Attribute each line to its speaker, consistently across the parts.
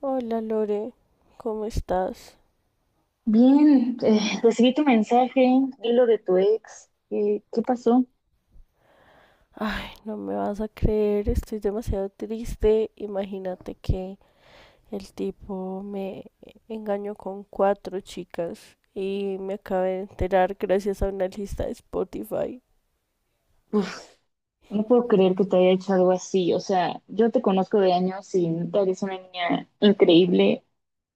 Speaker 1: Hola Lore, ¿cómo estás?
Speaker 2: Bien, recibí tu mensaje y lo de tu ex. ¿Qué pasó?
Speaker 1: Ay, no me vas a creer, estoy demasiado triste. Imagínate que el tipo me engañó con cuatro chicas y me acabé de enterar gracias a una lista de Spotify.
Speaker 2: Uf, no puedo creer que te haya hecho algo así. O sea, yo te conozco de años y neta eres una niña increíble.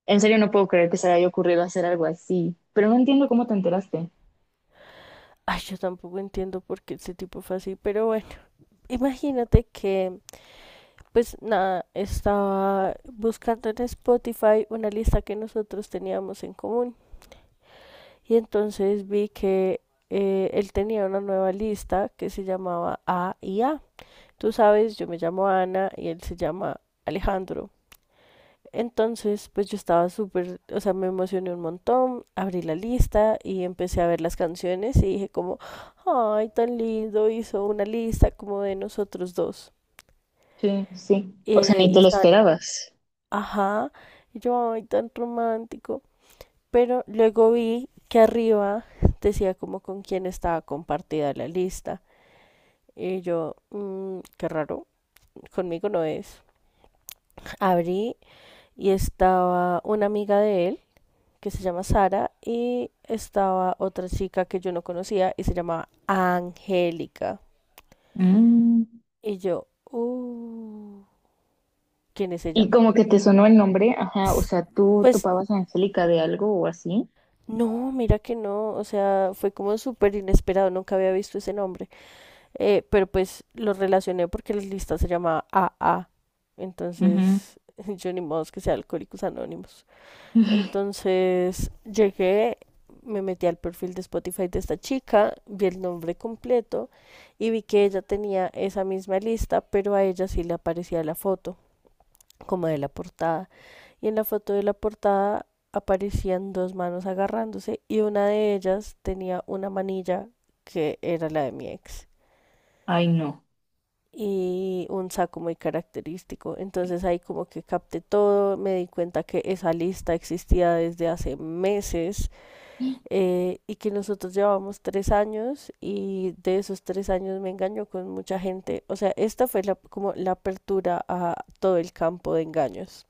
Speaker 2: En serio, no puedo creer que se le haya ocurrido hacer algo así. Pero no entiendo cómo te enteraste.
Speaker 1: Ay, yo tampoco entiendo por qué ese tipo fue así, pero bueno, imagínate que, pues nada, estaba buscando en Spotify una lista que nosotros teníamos en común. Y entonces vi que él tenía una nueva lista que se llamaba A y A. Tú sabes, yo me llamo Ana y él se llama Alejandro. Entonces, pues yo estaba súper, o sea, me emocioné un montón, abrí la lista y empecé a ver las canciones y dije como, ay, tan lindo, hizo una lista como de nosotros dos.
Speaker 2: Sí, sí. O sea, ni
Speaker 1: Y
Speaker 2: te lo
Speaker 1: estaban,
Speaker 2: esperabas.
Speaker 1: ajá, y yo, ay, tan romántico. Pero luego vi que arriba decía como con quién estaba compartida la lista. Y yo, "Mm, qué raro, conmigo no es. Abrí y estaba una amiga de él que se llama Sara y estaba otra chica que yo no conocía y se llamaba Angélica.
Speaker 2: Mm.
Speaker 1: Y yo, ¿quién es
Speaker 2: Y
Speaker 1: ella?
Speaker 2: como que te sonó el nombre, ajá. O sea, ¿tú
Speaker 1: Pues
Speaker 2: topabas a Angélica de algo o así?
Speaker 1: no, mira que no, o sea, fue como súper inesperado, nunca había visto ese nombre. Pero pues lo relacioné porque la lista se llama AA.
Speaker 2: Ujú.
Speaker 1: Entonces, yo ni modo que sea Alcohólicos Anónimos. Entonces, llegué, me metí al perfil de Spotify de esta chica, vi el nombre completo y vi que ella tenía esa misma lista, pero a ella sí le aparecía la foto, como de la portada. Y en la foto de la portada aparecían dos manos agarrándose y una de ellas tenía una manilla que era la de mi ex
Speaker 2: Ay, no.
Speaker 1: y un saco muy característico. Entonces ahí como que capté todo, me di cuenta que esa lista existía desde hace meses, y que nosotros llevábamos 3 años y de esos 3 años me engañó con mucha gente. O sea, esta fue como la apertura a todo el campo de engaños.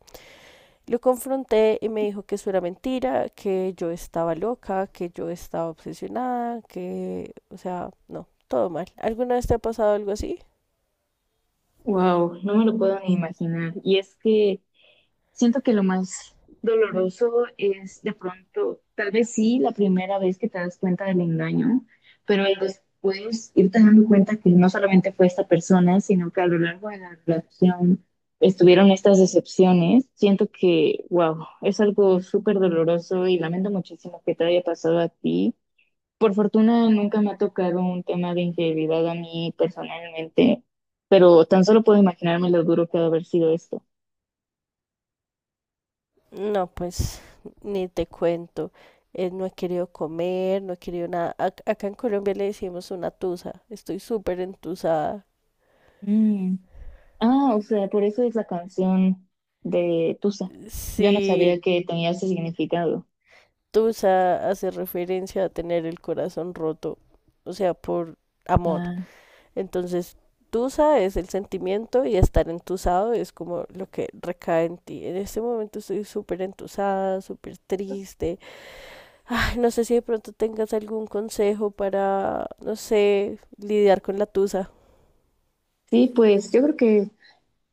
Speaker 1: Lo confronté y me dijo que eso era mentira, que yo estaba loca, que yo estaba obsesionada, que, o sea, no, todo mal. ¿Alguna vez te ha pasado algo así?
Speaker 2: Wow, no me lo puedo ni imaginar. Y es que siento que lo más doloroso es de pronto, tal vez sí, la primera vez que te das cuenta del engaño, pero el después irte dando cuenta que no solamente fue esta persona, sino que a lo largo de la relación estuvieron estas decepciones. Siento que, wow, es algo súper doloroso y lamento muchísimo que te haya pasado a ti. Por fortuna nunca me ha tocado un tema de infidelidad a mí personalmente, pero tan solo puedo imaginarme lo duro que ha de haber sido esto.
Speaker 1: No, pues ni te cuento. No he querido comer, no he querido nada. Acá en Colombia le decimos una tusa. Estoy súper entusada.
Speaker 2: Mm. Ah, o sea, por eso es la canción de Tusa. Yo no sabía
Speaker 1: Sí,
Speaker 2: que tenía ese significado.
Speaker 1: tusa hace referencia a tener el corazón roto, o sea, por amor.
Speaker 2: Ah,
Speaker 1: Entonces, tusa es el sentimiento y estar entusado es como lo que recae en ti. En este momento estoy súper entusada, súper triste. No sé si de pronto tengas algún consejo para, no sé, lidiar con la tusa.
Speaker 2: sí, pues yo creo que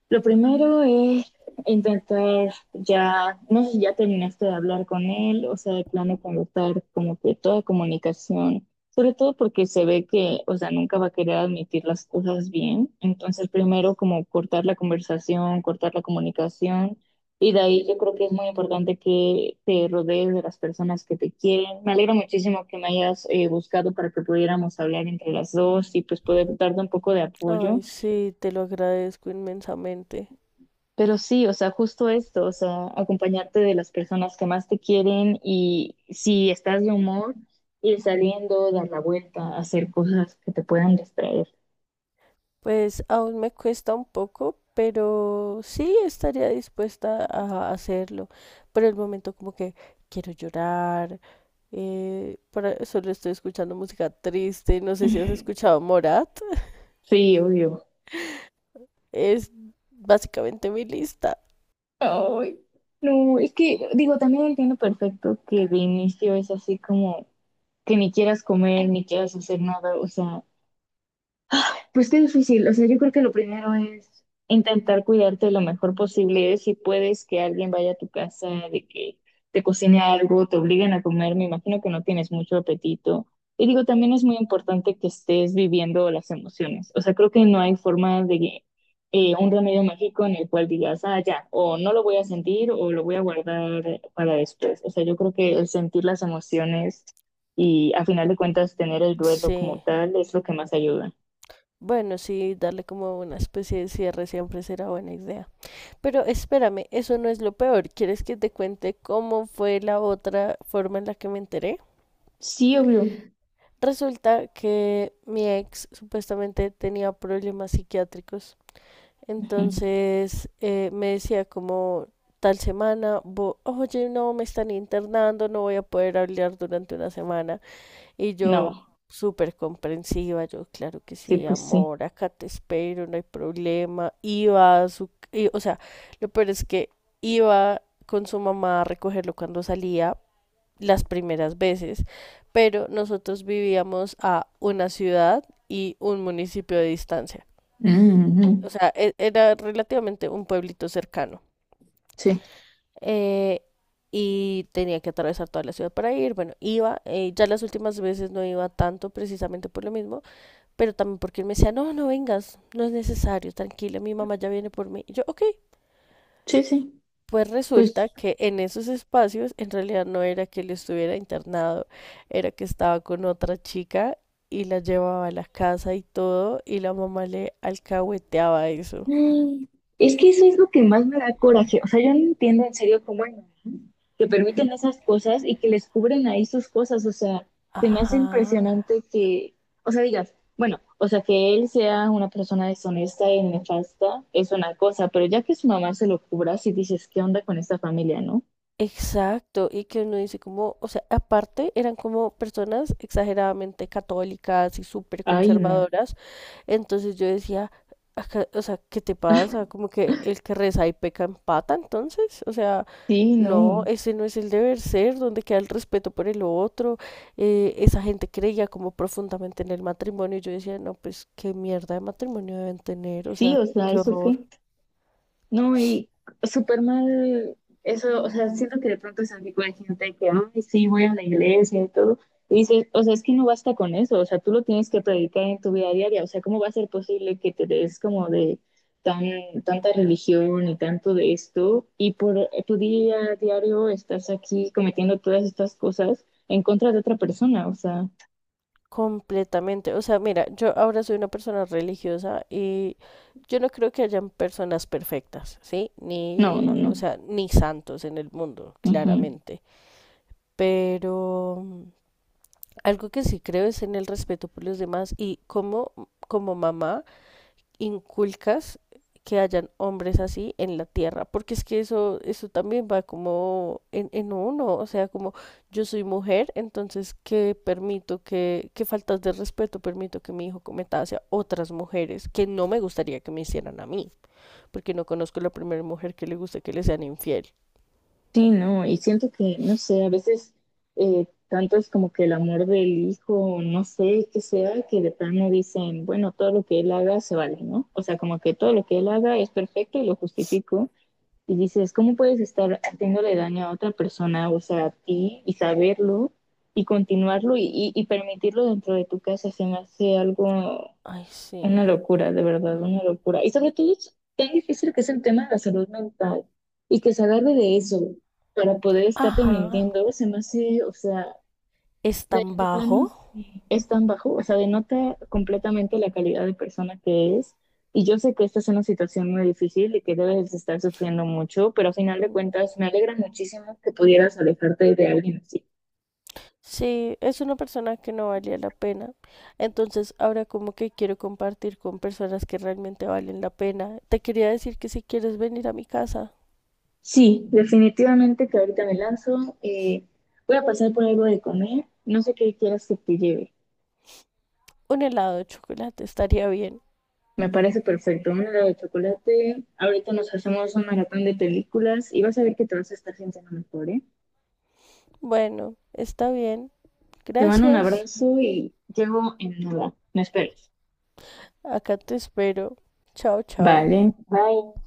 Speaker 2: lo primero es intentar ya, no sé si ya terminaste de hablar con él, o sea, de plano cortar como que toda comunicación, sobre todo porque se ve que, o sea, nunca va a querer admitir las cosas bien. Entonces, primero como cortar la conversación, cortar la comunicación, y de ahí yo creo que es muy importante que te rodees de las personas que te quieren. Me alegra muchísimo que me hayas buscado para que pudiéramos hablar entre las dos y pues poder darte un poco de apoyo.
Speaker 1: Ay, sí, te lo agradezco inmensamente.
Speaker 2: Pero sí, o sea, justo esto, o sea, acompañarte de las personas que más te quieren y si estás de humor, ir saliendo, dar la vuelta, hacer cosas que te puedan distraer.
Speaker 1: Pues aún me cuesta un poco, pero sí estaría dispuesta a hacerlo. Por el momento como que quiero llorar, solo estoy escuchando música triste, no sé si has escuchado Morat,
Speaker 2: Sí, obvio.
Speaker 1: es básicamente mi lista.
Speaker 2: Ay, no, es que, digo, también entiendo perfecto que de inicio es así como que ni quieras comer, ni quieras hacer nada, o sea, pues qué difícil. O sea, yo creo que lo primero es intentar cuidarte lo mejor posible. Si puedes que alguien vaya a tu casa, de que te cocine algo, te obliguen a comer, me imagino que no tienes mucho apetito. Y digo, también es muy importante que estés viviendo las emociones. O sea, creo que no hay forma de un remedio mágico en el cual digas, ah, ya, o no lo voy a sentir o lo voy a guardar para después. O sea, yo creo que el sentir las emociones y a final de cuentas tener el duelo como
Speaker 1: Sí,
Speaker 2: tal es lo que más ayuda.
Speaker 1: bueno, sí, darle como una especie de cierre siempre será buena idea. Pero espérame, eso no es lo peor. ¿Quieres que te cuente cómo fue la otra forma en la que me enteré?
Speaker 2: Sí, obvio.
Speaker 1: Resulta que mi ex supuestamente tenía problemas psiquiátricos.
Speaker 2: Ujú.
Speaker 1: Entonces me decía como tal semana, oye, no, me están internando, no voy a poder hablar durante una semana. Y yo,
Speaker 2: No,
Speaker 1: súper comprensiva, yo, claro que
Speaker 2: sí,
Speaker 1: sí,
Speaker 2: pues sí.
Speaker 1: amor, acá te espero, no hay problema. Y, o sea, lo peor es que iba con su mamá a recogerlo cuando salía las primeras veces, pero nosotros vivíamos a una ciudad y un municipio de distancia. O
Speaker 2: Ujú.
Speaker 1: sea, era relativamente un pueblito cercano.
Speaker 2: Sí,
Speaker 1: Eh, y tenía que atravesar toda la ciudad para ir. Bueno, ya las últimas veces no iba tanto precisamente por lo mismo, pero también porque él me decía, no, no vengas, no es necesario, tranquila, mi mamá ya viene por mí. Y yo, ok.
Speaker 2: sí, sí.
Speaker 1: Pues resulta
Speaker 2: Pues
Speaker 1: que en esos espacios en realidad no era que él estuviera internado, era que estaba con otra chica y la llevaba a la casa y todo, y la mamá le alcahueteaba eso.
Speaker 2: mm, es que eso es lo que más me da coraje. O sea, yo no entiendo en serio cómo hay mamás que permiten esas cosas y que les cubren ahí sus cosas. O sea, se me hace
Speaker 1: Ajá.
Speaker 2: impresionante que, o sea, digas, bueno, o sea, que él sea una persona deshonesta y nefasta es una cosa, pero ya que su mamá se lo cubra, si dices, ¿qué onda con esta familia, no?
Speaker 1: Exacto, y que uno dice como, o sea, aparte eran como personas exageradamente católicas y súper
Speaker 2: Ay, no.
Speaker 1: conservadoras. Entonces yo decía, o sea, ¿qué te pasa? Como que el que reza y peca empata, entonces, o sea,
Speaker 2: Sí,
Speaker 1: no,
Speaker 2: no.
Speaker 1: ese no es el deber ser, donde queda el respeto por el otro. Esa gente creía como profundamente en el matrimonio. Y yo decía, no, pues qué mierda de matrimonio deben tener, o
Speaker 2: Sí,
Speaker 1: sea,
Speaker 2: o sea,
Speaker 1: qué
Speaker 2: ¿eso
Speaker 1: horror.
Speaker 2: qué? No, y súper mal eso, o sea, siento que de pronto se tipo de gente que, ay, sí, voy a la iglesia y todo. Y dices, o sea, es que no basta con eso, o sea, tú lo tienes que predicar en tu vida diaria, o sea, ¿cómo va a ser posible que te des como de tan, tanta religión y tanto de esto y por tu día a diario estás aquí cometiendo todas estas cosas en contra de otra persona? O sea,
Speaker 1: Completamente. O sea, mira, yo ahora soy una persona religiosa y yo no creo que hayan personas perfectas, ¿sí?
Speaker 2: no,
Speaker 1: Ni,
Speaker 2: no,
Speaker 1: o
Speaker 2: no.
Speaker 1: sea, ni santos en el mundo,
Speaker 2: Ujú.
Speaker 1: claramente. Pero algo que sí creo es en el respeto por los demás y cómo como mamá inculcas que hayan hombres así en la tierra, porque es que eso también va como en, uno, o sea, como yo soy mujer, entonces qué permito que, qué faltas de respeto permito que mi hijo cometa hacia otras mujeres que no me gustaría que me hicieran a mí, porque no conozco la primera mujer que le guste que le sean infiel.
Speaker 2: Sí, no, y siento que, no sé, a veces tanto es como que el amor del hijo, no sé qué sea, que de plano dicen, bueno, todo lo que él haga se vale, ¿no? O sea, como que todo lo que él haga es perfecto y lo justifico. Y dices, ¿cómo puedes estar haciéndole daño a otra persona, o sea, a ti, y saberlo, y continuarlo, y permitirlo dentro de tu casa? Se me hace algo,
Speaker 1: Ay, sí.
Speaker 2: una locura, de verdad, una locura. Y sobre todo es tan difícil que es el tema de la salud mental y que se agarre de eso para poder estarte
Speaker 1: Ajá.
Speaker 2: mintiendo, se me hace, o sea,
Speaker 1: ¿Es
Speaker 2: de,
Speaker 1: tan
Speaker 2: de
Speaker 1: bajo?
Speaker 2: plano sí es tan bajo, o sea, denota completamente la calidad de persona que es. Y yo sé que esta es una situación muy difícil y que debes de estar sufriendo mucho, pero a final de
Speaker 1: Mm.
Speaker 2: cuentas me alegra muchísimo que pudieras alejarte de alguien así.
Speaker 1: Sí, es una persona que no valía la pena. Entonces, ahora como que quiero compartir con personas que realmente valen la pena. Te quería decir que si quieres venir a mi casa,
Speaker 2: Sí, definitivamente que ahorita me lanzo. Voy a pasar por algo de comer. No sé qué quieras que te lleve.
Speaker 1: un helado de chocolate estaría bien.
Speaker 2: Me parece perfecto. Un helado de chocolate. Ahorita nos hacemos un maratón de películas y vas a ver que te vas a estar sintiendo mejor, ¿eh?
Speaker 1: Bueno, está bien.
Speaker 2: Te mando un
Speaker 1: Gracias.
Speaker 2: abrazo y llego en nada. Me esperes.
Speaker 1: Acá te espero. Chao, chao.
Speaker 2: Vale, bye.